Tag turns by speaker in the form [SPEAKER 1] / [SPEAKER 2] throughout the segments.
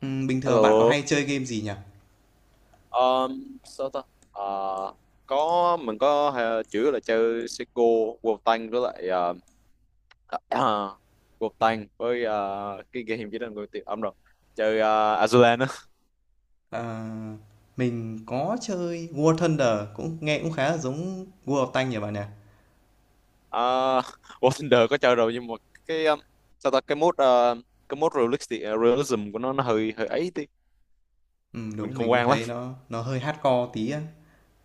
[SPEAKER 1] Bình thường bạn có
[SPEAKER 2] Hello,
[SPEAKER 1] hay chơi game gì nhỉ?
[SPEAKER 2] um, sao ta? À, có mình có chủ yếu là chơi Seiko, World Tank với lại uh, uh, World Tank với cái game gì đó người tiệm âm rồi chơi Azulan á.
[SPEAKER 1] Ờ, mình có chơi War Thunder cũng nghe cũng khá là giống World of Tanks nhỉ bạn nhỉ?
[SPEAKER 2] Uh, War Thunder có chơi rồi nhưng mà cái sao ta cái mode realistic, à, realism của nó hơi hơi ấy tí mình
[SPEAKER 1] Đúng
[SPEAKER 2] không
[SPEAKER 1] mình cũng
[SPEAKER 2] quen lắm.
[SPEAKER 1] thấy nó hơi hardcore tí á.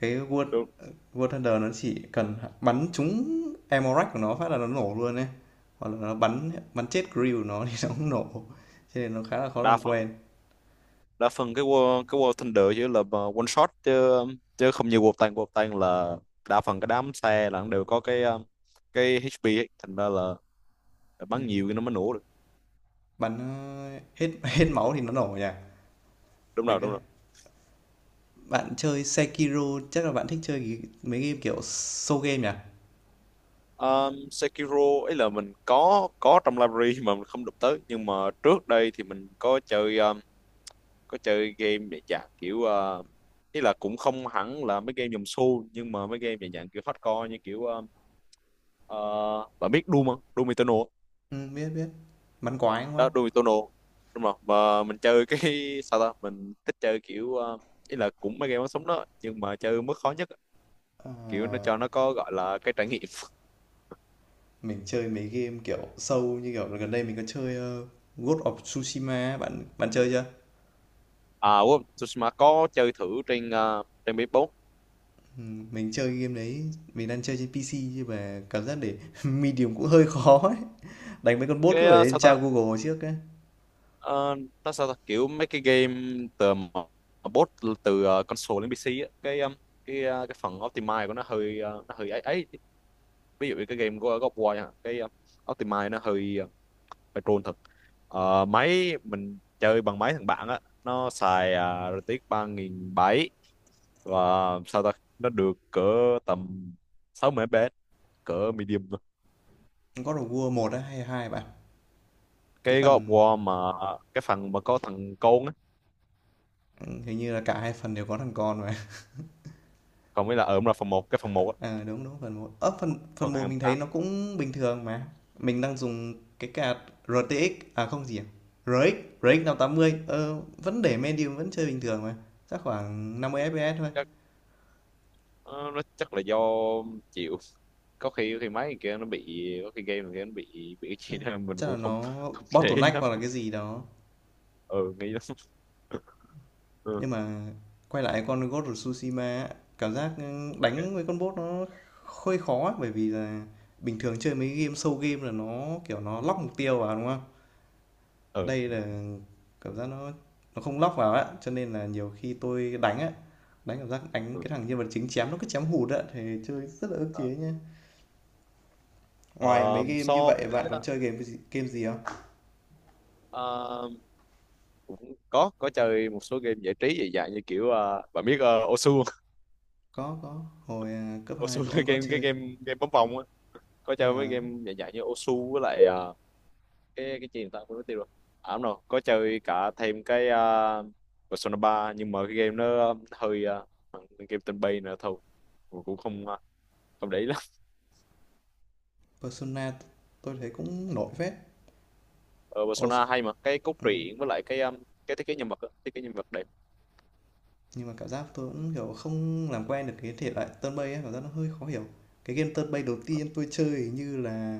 [SPEAKER 1] Cái World
[SPEAKER 2] Đúng.
[SPEAKER 1] War Thunder nó chỉ cần bắn trúng ammo rack của nó phát là nó nổ luôn ấy. Hoặc là nó bắn bắn chết crew của nó thì nó cũng nổ. Cho nên nó khá là khó
[SPEAKER 2] Đa
[SPEAKER 1] làm
[SPEAKER 2] phần
[SPEAKER 1] quen.
[SPEAKER 2] đa phần cái War Thunder chỉ là mà one shot chứ chứ không như War Tank, War Tank là đa phần cái đám xe là nó đều có cái HP ấy. Thành ra là bắn nhiều thì nó mới nổ được.
[SPEAKER 1] Bắn hết hết máu thì nó nổ nhỉ.
[SPEAKER 2] đúng
[SPEAKER 1] Mình
[SPEAKER 2] rồi
[SPEAKER 1] cứ
[SPEAKER 2] đúng rồi
[SPEAKER 1] bạn chơi Sekiro chắc là bạn thích chơi mấy game kiểu soul game nhỉ?
[SPEAKER 2] Sekiro ấy là mình có trong library mà mình không đụng tới, nhưng mà trước đây thì mình có chơi game để dạng kiểu uh, ý là cũng không hẳn là mấy game dòng xu, nhưng mà mấy game về dạng kiểu hardcore như kiểu ờ, bạn biết Doom không? Doom Eternal
[SPEAKER 1] Biết, biết. Bắn quái, đúng không?
[SPEAKER 2] đó. Doom đúng không? Mà mình chơi cái sao ta, mình thích chơi kiểu ý là cũng mấy game bắn súng đó nhưng mà chơi mức khó nhất á. Kiểu nó cho nó có gọi là cái trải nghiệm.
[SPEAKER 1] Mình chơi mấy game, kiểu, sâu như kiểu là gần đây mình có chơi, Ghost of Tsushima á, bạn bạn chơi chưa?
[SPEAKER 2] À quên, Tsushima có chơi thử trên trên PS4.
[SPEAKER 1] Mình chơi game đấy, mình đang chơi trên PC nhưng mà cảm giác để medium cũng hơi khó ấy. Đánh mấy con boss cứ phải lên
[SPEAKER 2] Sao
[SPEAKER 1] tra
[SPEAKER 2] ta?
[SPEAKER 1] Google trước ấy.
[SPEAKER 2] Ờ, nó sao ta kiểu mấy cái game từ mà- mà bot từ console đến PC á, cái phần optimize của nó hơi nó hơi ấy ấy. Ví dụ như cái game của God of War nha, optimize nó hơi phải troll thật. Ờ, máy mình chơi bằng máy thằng bạn á, nó xài rờ tê ích ba nghìn bảy. Và sao ta, nó được cỡ tầm 60 FPS cỡ medium thôi.
[SPEAKER 1] God of War một á hay 2 bạn? Cái
[SPEAKER 2] Cái God of
[SPEAKER 1] phần
[SPEAKER 2] War mà cái phần mà có thằng côn á,
[SPEAKER 1] hình như là cả hai phần đều có thằng con mà.
[SPEAKER 2] còn mới là ở là phần một, cái phần 1 á.
[SPEAKER 1] Ờ, đúng, đúng, phần một. Ơ, phần
[SPEAKER 2] Phần
[SPEAKER 1] phần
[SPEAKER 2] hai,
[SPEAKER 1] một
[SPEAKER 2] phần
[SPEAKER 1] mình thấy
[SPEAKER 2] tám.
[SPEAKER 1] nó cũng bình thường mà. Mình đang dùng cái card RTX à không gì à? RX, RX 580. Ờ, vẫn để medium vẫn chơi bình thường mà. Chắc khoảng 50 FPS thôi.
[SPEAKER 2] Chắc ờ, nó chắc là do, chịu, có khi khi máy kia nó bị, có khi game kia nó bị cái gì đó mình
[SPEAKER 1] Chắc
[SPEAKER 2] cũng
[SPEAKER 1] là
[SPEAKER 2] không
[SPEAKER 1] nó
[SPEAKER 2] không để ý
[SPEAKER 1] bottleneck
[SPEAKER 2] lắm.
[SPEAKER 1] hoặc là cái gì đó.
[SPEAKER 2] Ừ, nghĩ lắm. Ừ.
[SPEAKER 1] Nhưng mà quay lại con Ghost of Tsushima á, cảm giác
[SPEAKER 2] Ok.
[SPEAKER 1] đánh với con bot nó hơi khó á, bởi vì là bình thường chơi mấy game show game là nó kiểu nó lock mục tiêu vào đúng không?
[SPEAKER 2] Ừ,
[SPEAKER 1] Đây là cảm giác nó không lock vào á, cho nên là nhiều khi tôi đánh á, đánh cảm giác đánh
[SPEAKER 2] ừ.
[SPEAKER 1] cái thằng nhân vật chính chém nó cứ chém hụt á, thì chơi rất là ức chế
[SPEAKER 2] Ờ.
[SPEAKER 1] nhá. Ngoài mấy
[SPEAKER 2] Ờ,
[SPEAKER 1] game như
[SPEAKER 2] so
[SPEAKER 1] vậy
[SPEAKER 2] với
[SPEAKER 1] bạn còn chơi game gì không?
[SPEAKER 2] ờ, cũng có chơi một số game giải trí dị dạng như kiểu bạn biết Osu không?
[SPEAKER 1] Có, hồi cấp 2
[SPEAKER 2] Osu,
[SPEAKER 1] tôi cũng có
[SPEAKER 2] cái
[SPEAKER 1] chơi.
[SPEAKER 2] game game bóng vòng á. Có
[SPEAKER 1] Nên
[SPEAKER 2] chơi mấy
[SPEAKER 1] là
[SPEAKER 2] game dạng dạng như Osu, với lại cái gì người ta quên mất tiêu rồi. À đúng rồi, có chơi cả thêm Persona ba, nhưng mà cái game nó hơi game tên bay nữa thôi. Mình cũng không không để ý lắm.
[SPEAKER 1] Persona tôi thấy cũng nổi phết.
[SPEAKER 2] Ờ,
[SPEAKER 1] Ồ,
[SPEAKER 2] Persona hay mà, cái cốt
[SPEAKER 1] ừ,
[SPEAKER 2] truyện với lại cái thiết kế nhân vật á, thiết kế nhân vật đẹp.
[SPEAKER 1] nhưng mà cảm giác tôi cũng kiểu không làm quen được cái thể loại turn based ấy, cảm giác nó hơi khó hiểu. Cái game turn based đầu tiên tôi chơi hình như là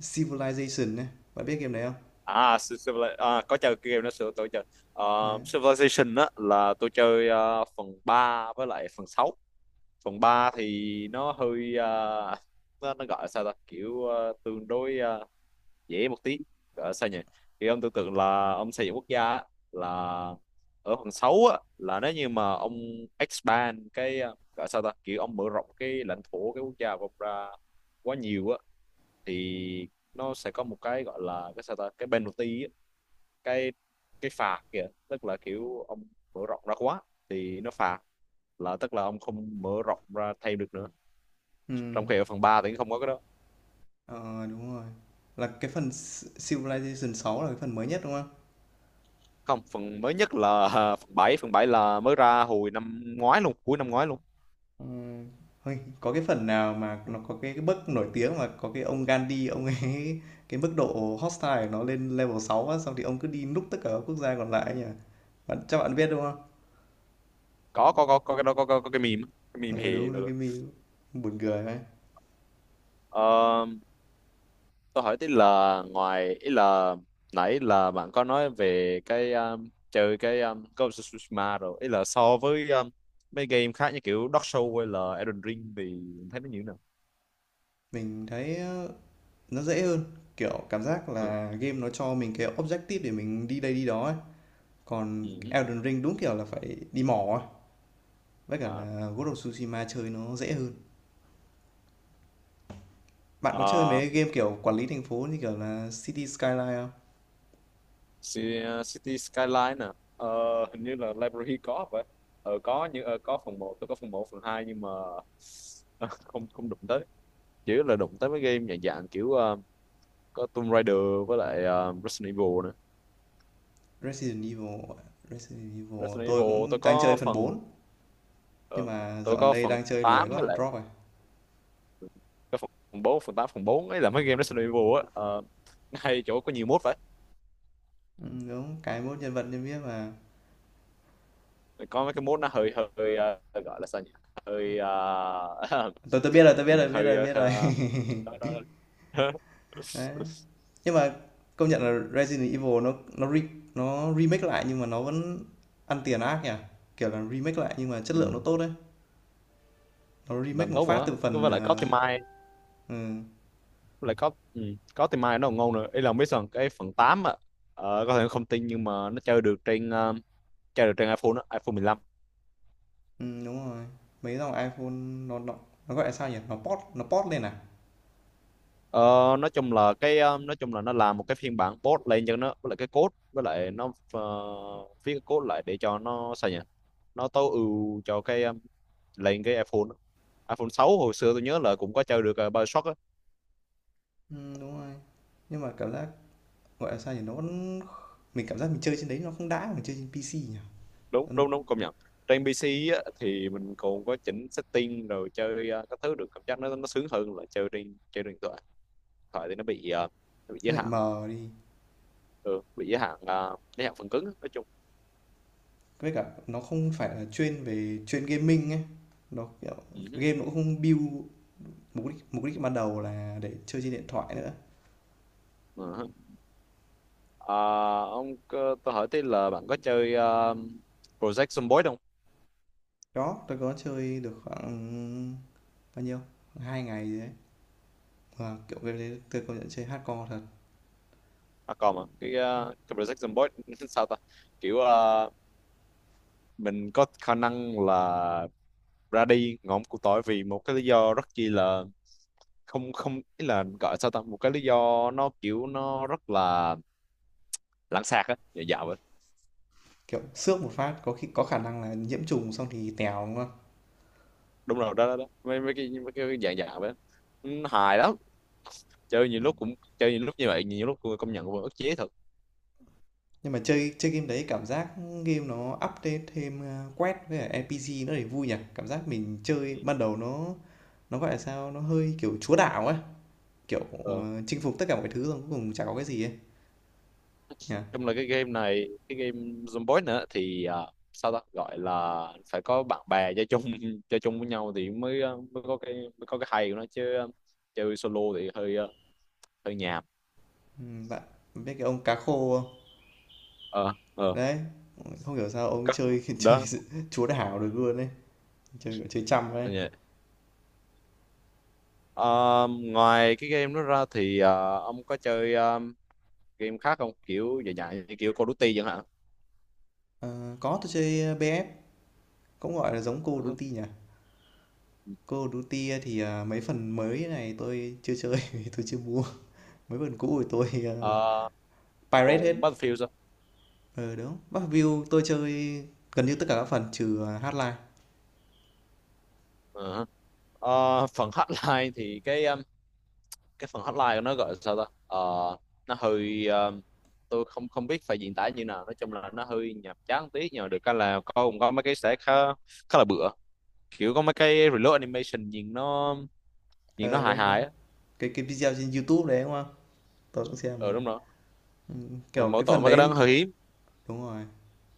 [SPEAKER 1] Civilization này. Bạn biết game đấy không?
[SPEAKER 2] À Civilization à, có chơi cái game đó sửa tôi chơi. Ờ,
[SPEAKER 1] Đấy.
[SPEAKER 2] Civilization á là tôi chơi phần 3 với lại phần sáu. Phần 3 thì nó hơi nó gọi là sao ta, kiểu tương đối dễ một tí. Gọi là sao nhỉ, thì ông tưởng tượng là ông xây dựng quốc gia á, là ở phần 6 á, là nếu như mà ông expand gọi là sao ta, kiểu ông mở rộng cái lãnh thổ cái quốc gia của ông ra quá nhiều thì nó sẽ có một cái gọi là cái sao ta, cái penalty á, cái cái phạt kìa, tức là kiểu ông mở rộng ra quá thì nó phạt, là tức là ông không mở rộng ra thêm được nữa, trong
[SPEAKER 1] Ừm,
[SPEAKER 2] khi ở phần 3 thì không có cái đó.
[SPEAKER 1] ờ, đúng rồi. Là cái phần S Civilization 6 là cái phần mới nhất, đúng không?
[SPEAKER 2] Không, phần mới nhất là phần bảy. Phần 7 là mới ra hồi năm ngoái luôn, cuối năm ngoái luôn.
[SPEAKER 1] Ừm, Ôi, có cái phần nào mà nó có cái bức nổi tiếng mà có cái ông Gandhi, ông ấy cái mức độ hostile của nó lên level 6 á, xong thì ông cứ đi núp tất cả các quốc gia còn lại ấy nhỉ? Bạn, chắc bạn biết đúng không?
[SPEAKER 2] Có, cái đó có, có cái meme á, cái meme
[SPEAKER 1] Ừ,
[SPEAKER 2] hề
[SPEAKER 1] đúng,
[SPEAKER 2] vừa
[SPEAKER 1] đúng, cái
[SPEAKER 2] rồi.
[SPEAKER 1] meme buồn cười ấy.
[SPEAKER 2] Ờ, tôi hỏi tí là ngoài, ý là nãy là bạn có nói về cái chơi cái Ghost of Tsushima rồi, ý là so với mấy game khác như kiểu Dark Souls hay là Elden Ring thì thấy nó như thế nào?
[SPEAKER 1] Mình thấy nó dễ hơn, kiểu cảm giác
[SPEAKER 2] Ừ.
[SPEAKER 1] là game nó cho mình cái objective để mình đi đây đi đó ấy.
[SPEAKER 2] Ừ.
[SPEAKER 1] Còn Elden Ring đúng kiểu là phải đi mò ấy. Với cả
[SPEAKER 2] À.
[SPEAKER 1] là Ghost of Tsushima chơi nó dễ hơn. Bạn có chơi
[SPEAKER 2] À.
[SPEAKER 1] mấy game kiểu quản lý thành phố như kiểu là City Skyline không?
[SPEAKER 2] City Skyline nè. Ờ, hình như là library có vậy. Ờ, có như có phần một, tôi có phần một, phần hai, nhưng mà ờ, không không đụng tới. Chỉ là đụng tới mấy game dạng dạng kiểu có Tomb Raider với lại Resident Evil.
[SPEAKER 1] Resident Evil, Resident Evil
[SPEAKER 2] Resident
[SPEAKER 1] tôi
[SPEAKER 2] Evil
[SPEAKER 1] cũng
[SPEAKER 2] tôi
[SPEAKER 1] đang chơi
[SPEAKER 2] có
[SPEAKER 1] phần
[SPEAKER 2] phần
[SPEAKER 1] 4 nhưng
[SPEAKER 2] ờ,
[SPEAKER 1] mà
[SPEAKER 2] tôi
[SPEAKER 1] dạo gần
[SPEAKER 2] có
[SPEAKER 1] đây
[SPEAKER 2] phần
[SPEAKER 1] đang chơi lười
[SPEAKER 2] 8
[SPEAKER 1] quá
[SPEAKER 2] với lại
[SPEAKER 1] drop rồi.
[SPEAKER 2] cái phần bốn. Phần tám, phần 4 ấy là mấy game Resident Evil á, nó hay chỗ có nhiều mode
[SPEAKER 1] Ừ, đúng cái mốt nhân vật nhân biết mà.
[SPEAKER 2] vậy. Có mấy cái mode nó hơi hơi gọi là sao nhỉ, hơi
[SPEAKER 1] Tôi biết rồi, tôi biết
[SPEAKER 2] nhìn
[SPEAKER 1] rồi, biết
[SPEAKER 2] hơi
[SPEAKER 1] rồi, biết rồi. Đấy. Nhưng mà công nhận là Resident Evil nó remake lại nhưng mà nó vẫn ăn tiền ác nhỉ? Kiểu là remake lại nhưng mà chất lượng nó
[SPEAKER 2] ừ.
[SPEAKER 1] tốt đấy. Nó remake
[SPEAKER 2] Làm
[SPEAKER 1] một
[SPEAKER 2] tốt
[SPEAKER 1] phát
[SPEAKER 2] mà.
[SPEAKER 1] từ
[SPEAKER 2] Cứ
[SPEAKER 1] phần
[SPEAKER 2] với lại có tim mai,
[SPEAKER 1] ừ,
[SPEAKER 2] với lại có, ừ. Có tim mai nó còn ngon nữa. Ý là không biết sao cái phần 8 á, có thể không tin nhưng mà nó chơi được trên chơi được trên iPhone á, iPhone 15.
[SPEAKER 1] ừm, đúng rồi. Mấy dòng iPhone gọi là sao nhỉ? Nó port lên à?
[SPEAKER 2] Ờ, nói chung là nói chung là nó làm một cái phiên bản post lên cho nó, với lại cái code, với lại nó viết cái code lại để cho nó sao nhỉ, nó tối ưu cho lên cái iPhone á. iPhone 6 hồi xưa tôi nhớ là cũng có chơi được BioShock á.
[SPEAKER 1] Đúng rồi. Nhưng mà cảm giác gọi là sao nhỉ? Nó vẫn mình cảm giác mình chơi trên đấy nó không đã bằng chơi trên PC nhỉ?
[SPEAKER 2] đúng
[SPEAKER 1] Nó,
[SPEAKER 2] đúng đúng công nhận. Trên PC á, thì mình còn có chỉnh setting rồi chơi các thứ được, cảm giác nó sướng hơn là chơi trên điện thoại. Điện thoại thì nó bị nó bị
[SPEAKER 1] nó
[SPEAKER 2] giới
[SPEAKER 1] bị
[SPEAKER 2] hạn.
[SPEAKER 1] mờ đi.
[SPEAKER 2] Ừ, bị giới hạn giới hạn phần cứng á, nói chung.
[SPEAKER 1] Với cả nó không phải là chuyên về chuyên gaming ấy. Nó kiểu game nó cũng không build mục đích ban đầu là để chơi trên điện thoại nữa.
[SPEAKER 2] Ừ. Ờ, tôi hỏi tí là bạn có chơi Project Zomboid không?
[SPEAKER 1] Đó, tôi có chơi được khoảng bao nhiêu? Hai ngày gì đấy, và kiểu game đấy tôi công nhận chơi hardcore thật.
[SPEAKER 2] À còn mà cái Project Zomboid sao ta? Kiểu mình có khả năng là ra đi ngõm cụt tối vì một cái lý do rất chi là không không ý là gọi sao ta? Một cái lý do nó kiểu nó rất là lãng xẹt á, dạ dạ vậy.
[SPEAKER 1] Kiểu xước một phát có khi có khả năng là nhiễm trùng xong thì tèo đúng không?
[SPEAKER 2] Đúng rồi, đó đó, đó. Mấy mấy cái dạng dạ vậy. Ừ, hài lắm. Chơi nhiều lúc như vậy, nhiều lúc tôi công nhận cũng ức chế thật.
[SPEAKER 1] Nhưng mà chơi chơi game đấy cảm giác game nó update thêm, a, quest với cả NPC nó để vui nhỉ? Cảm giác mình chơi ban đầu gọi là sao, nó hơi, kiểu, chúa đảo ấy, kiểu,
[SPEAKER 2] Ờ.
[SPEAKER 1] chinh phục tất cả mọi thứ xong cuối cùng chả có cái gì ấy, nhỉ?
[SPEAKER 2] Chung là cái game này, cái game Zomboid nữa thì à, sao ta gọi là phải có bạn bè chơi chung, chơi chung với nhau thì mới mới có cái hay của nó, chứ chơi solo thì hơi hơi nhàm.
[SPEAKER 1] Bạn biết cái ông cá khô không?
[SPEAKER 2] Ờ, ờ.
[SPEAKER 1] Đấy, không hiểu sao ông
[SPEAKER 2] có-
[SPEAKER 1] chơi
[SPEAKER 2] Đó.
[SPEAKER 1] chúa đảo được luôn đấy chơi, chơi chăm ấy.
[SPEAKER 2] Dạ. Ờ, ngoài cái game đó ra thì ông có chơi game khác không, kiểu dài dài như kiểu Call of Duty chẳng hạn?
[SPEAKER 1] Ờ, có, tôi chơi, BF cũng, gọi là, giống Call of
[SPEAKER 2] Uh,
[SPEAKER 1] Duty nhỉ? Call of Duty mấy phần mới này tôi chưa chơi vì tôi chưa mua. Mấy phần cũ thì tôi, pirate hết.
[SPEAKER 2] còn Battlefield sao?
[SPEAKER 1] Ờ, đúng. Bắc View tôi chơi gần như tất cả các phần trừ, Hotline.
[SPEAKER 2] Ờ, phần hotline thì cái phần hotline của nó gọi là sao ta. Ờ, nó hơi tôi không không biết phải diễn tả như nào. Nói chung là nó hơi nhàm chán tí, nhưng mà được cái là có, cũng có mấy cái sẽ khá khá là bựa, kiểu có mấy cái reload animation nhìn nó
[SPEAKER 1] Ờ,
[SPEAKER 2] hài
[SPEAKER 1] đúng, đúng.
[SPEAKER 2] hài á.
[SPEAKER 1] Cái video trên YouTube đấy, đúng không? Tôi cũng xem
[SPEAKER 2] Ờ
[SPEAKER 1] rồi.
[SPEAKER 2] đúng rồi. Nhưng
[SPEAKER 1] Kiểu
[SPEAKER 2] mỗi
[SPEAKER 1] cái
[SPEAKER 2] tội
[SPEAKER 1] phần
[SPEAKER 2] mấy cái đó nó
[SPEAKER 1] đấy
[SPEAKER 2] hơi hiếm.
[SPEAKER 1] đúng rồi.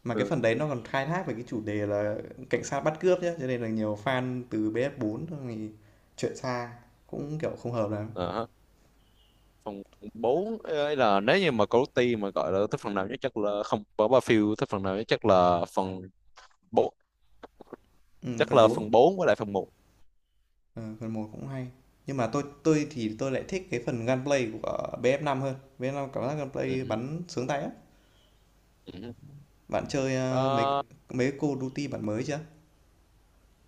[SPEAKER 1] Mà cái
[SPEAKER 2] Ừ.
[SPEAKER 1] phần đấy nó còn khai thác về cái chủ đề là cảnh sát bắt cướp nhá, cho nên là nhiều fan từ ps bốn thì chuyện xa cũng kiểu không hợp lắm.
[SPEAKER 2] Ờ, phần 4 ấy là nếu như mà Cody mà gọi là thích phần nào nhất chắc là không có ba phiêu, thích phần nào nhất chắc là phần bốn,
[SPEAKER 1] Ừ,
[SPEAKER 2] chắc
[SPEAKER 1] phần
[SPEAKER 2] là
[SPEAKER 1] bốn.
[SPEAKER 2] phần 4 với lại phần một.
[SPEAKER 1] Ờ, phần một cũng hay. Nhưng mà tôi thì tôi lại thích cái phần gunplay của bf năm hơn. Bf năm cảm giác gunplay
[SPEAKER 2] Ừ.
[SPEAKER 1] bắn sướng tay á.
[SPEAKER 2] Ừ. Ừ.
[SPEAKER 1] Bạn chơi ờ, mấy
[SPEAKER 2] Ờ,
[SPEAKER 1] mấy cái Call of Duty bản mới chưa?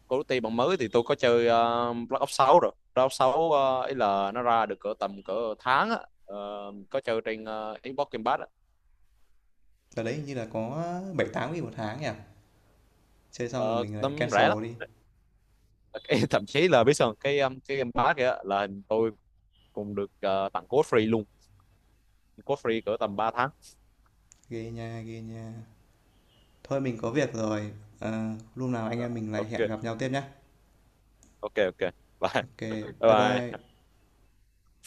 [SPEAKER 2] Call of Duty bản mới thì tôi có chơi Black Ops 6 rồi. Black Ops 6 ấy là nó ra được cỡ tầm cỡ tháng á. Ờ, có chơi trên Xbox Game Pass á.
[SPEAKER 1] Ở đấy hình như là có 7 8 nghìn một tháng nhỉ. Chơi xong rồi
[SPEAKER 2] Ờ,
[SPEAKER 1] mình lại
[SPEAKER 2] tấm rẻ lắm.
[SPEAKER 1] cancel đi.
[SPEAKER 2] Cái- Thậm chí là biết sao không? Cái Game Pass kìa là tôi cũng được tặng code free luôn. Code free cỡ tầm ba tháng.
[SPEAKER 1] Ghê nha, ghê nha. Thôi mình có việc rồi. Ờ, lúc nào anh
[SPEAKER 2] Ờ,
[SPEAKER 1] em mình lại
[SPEAKER 2] ok,
[SPEAKER 1] hẹn gặp nhau tiếp nhá.
[SPEAKER 2] ok. Bye.
[SPEAKER 1] Ok, bye
[SPEAKER 2] Bye, bye.
[SPEAKER 1] bye.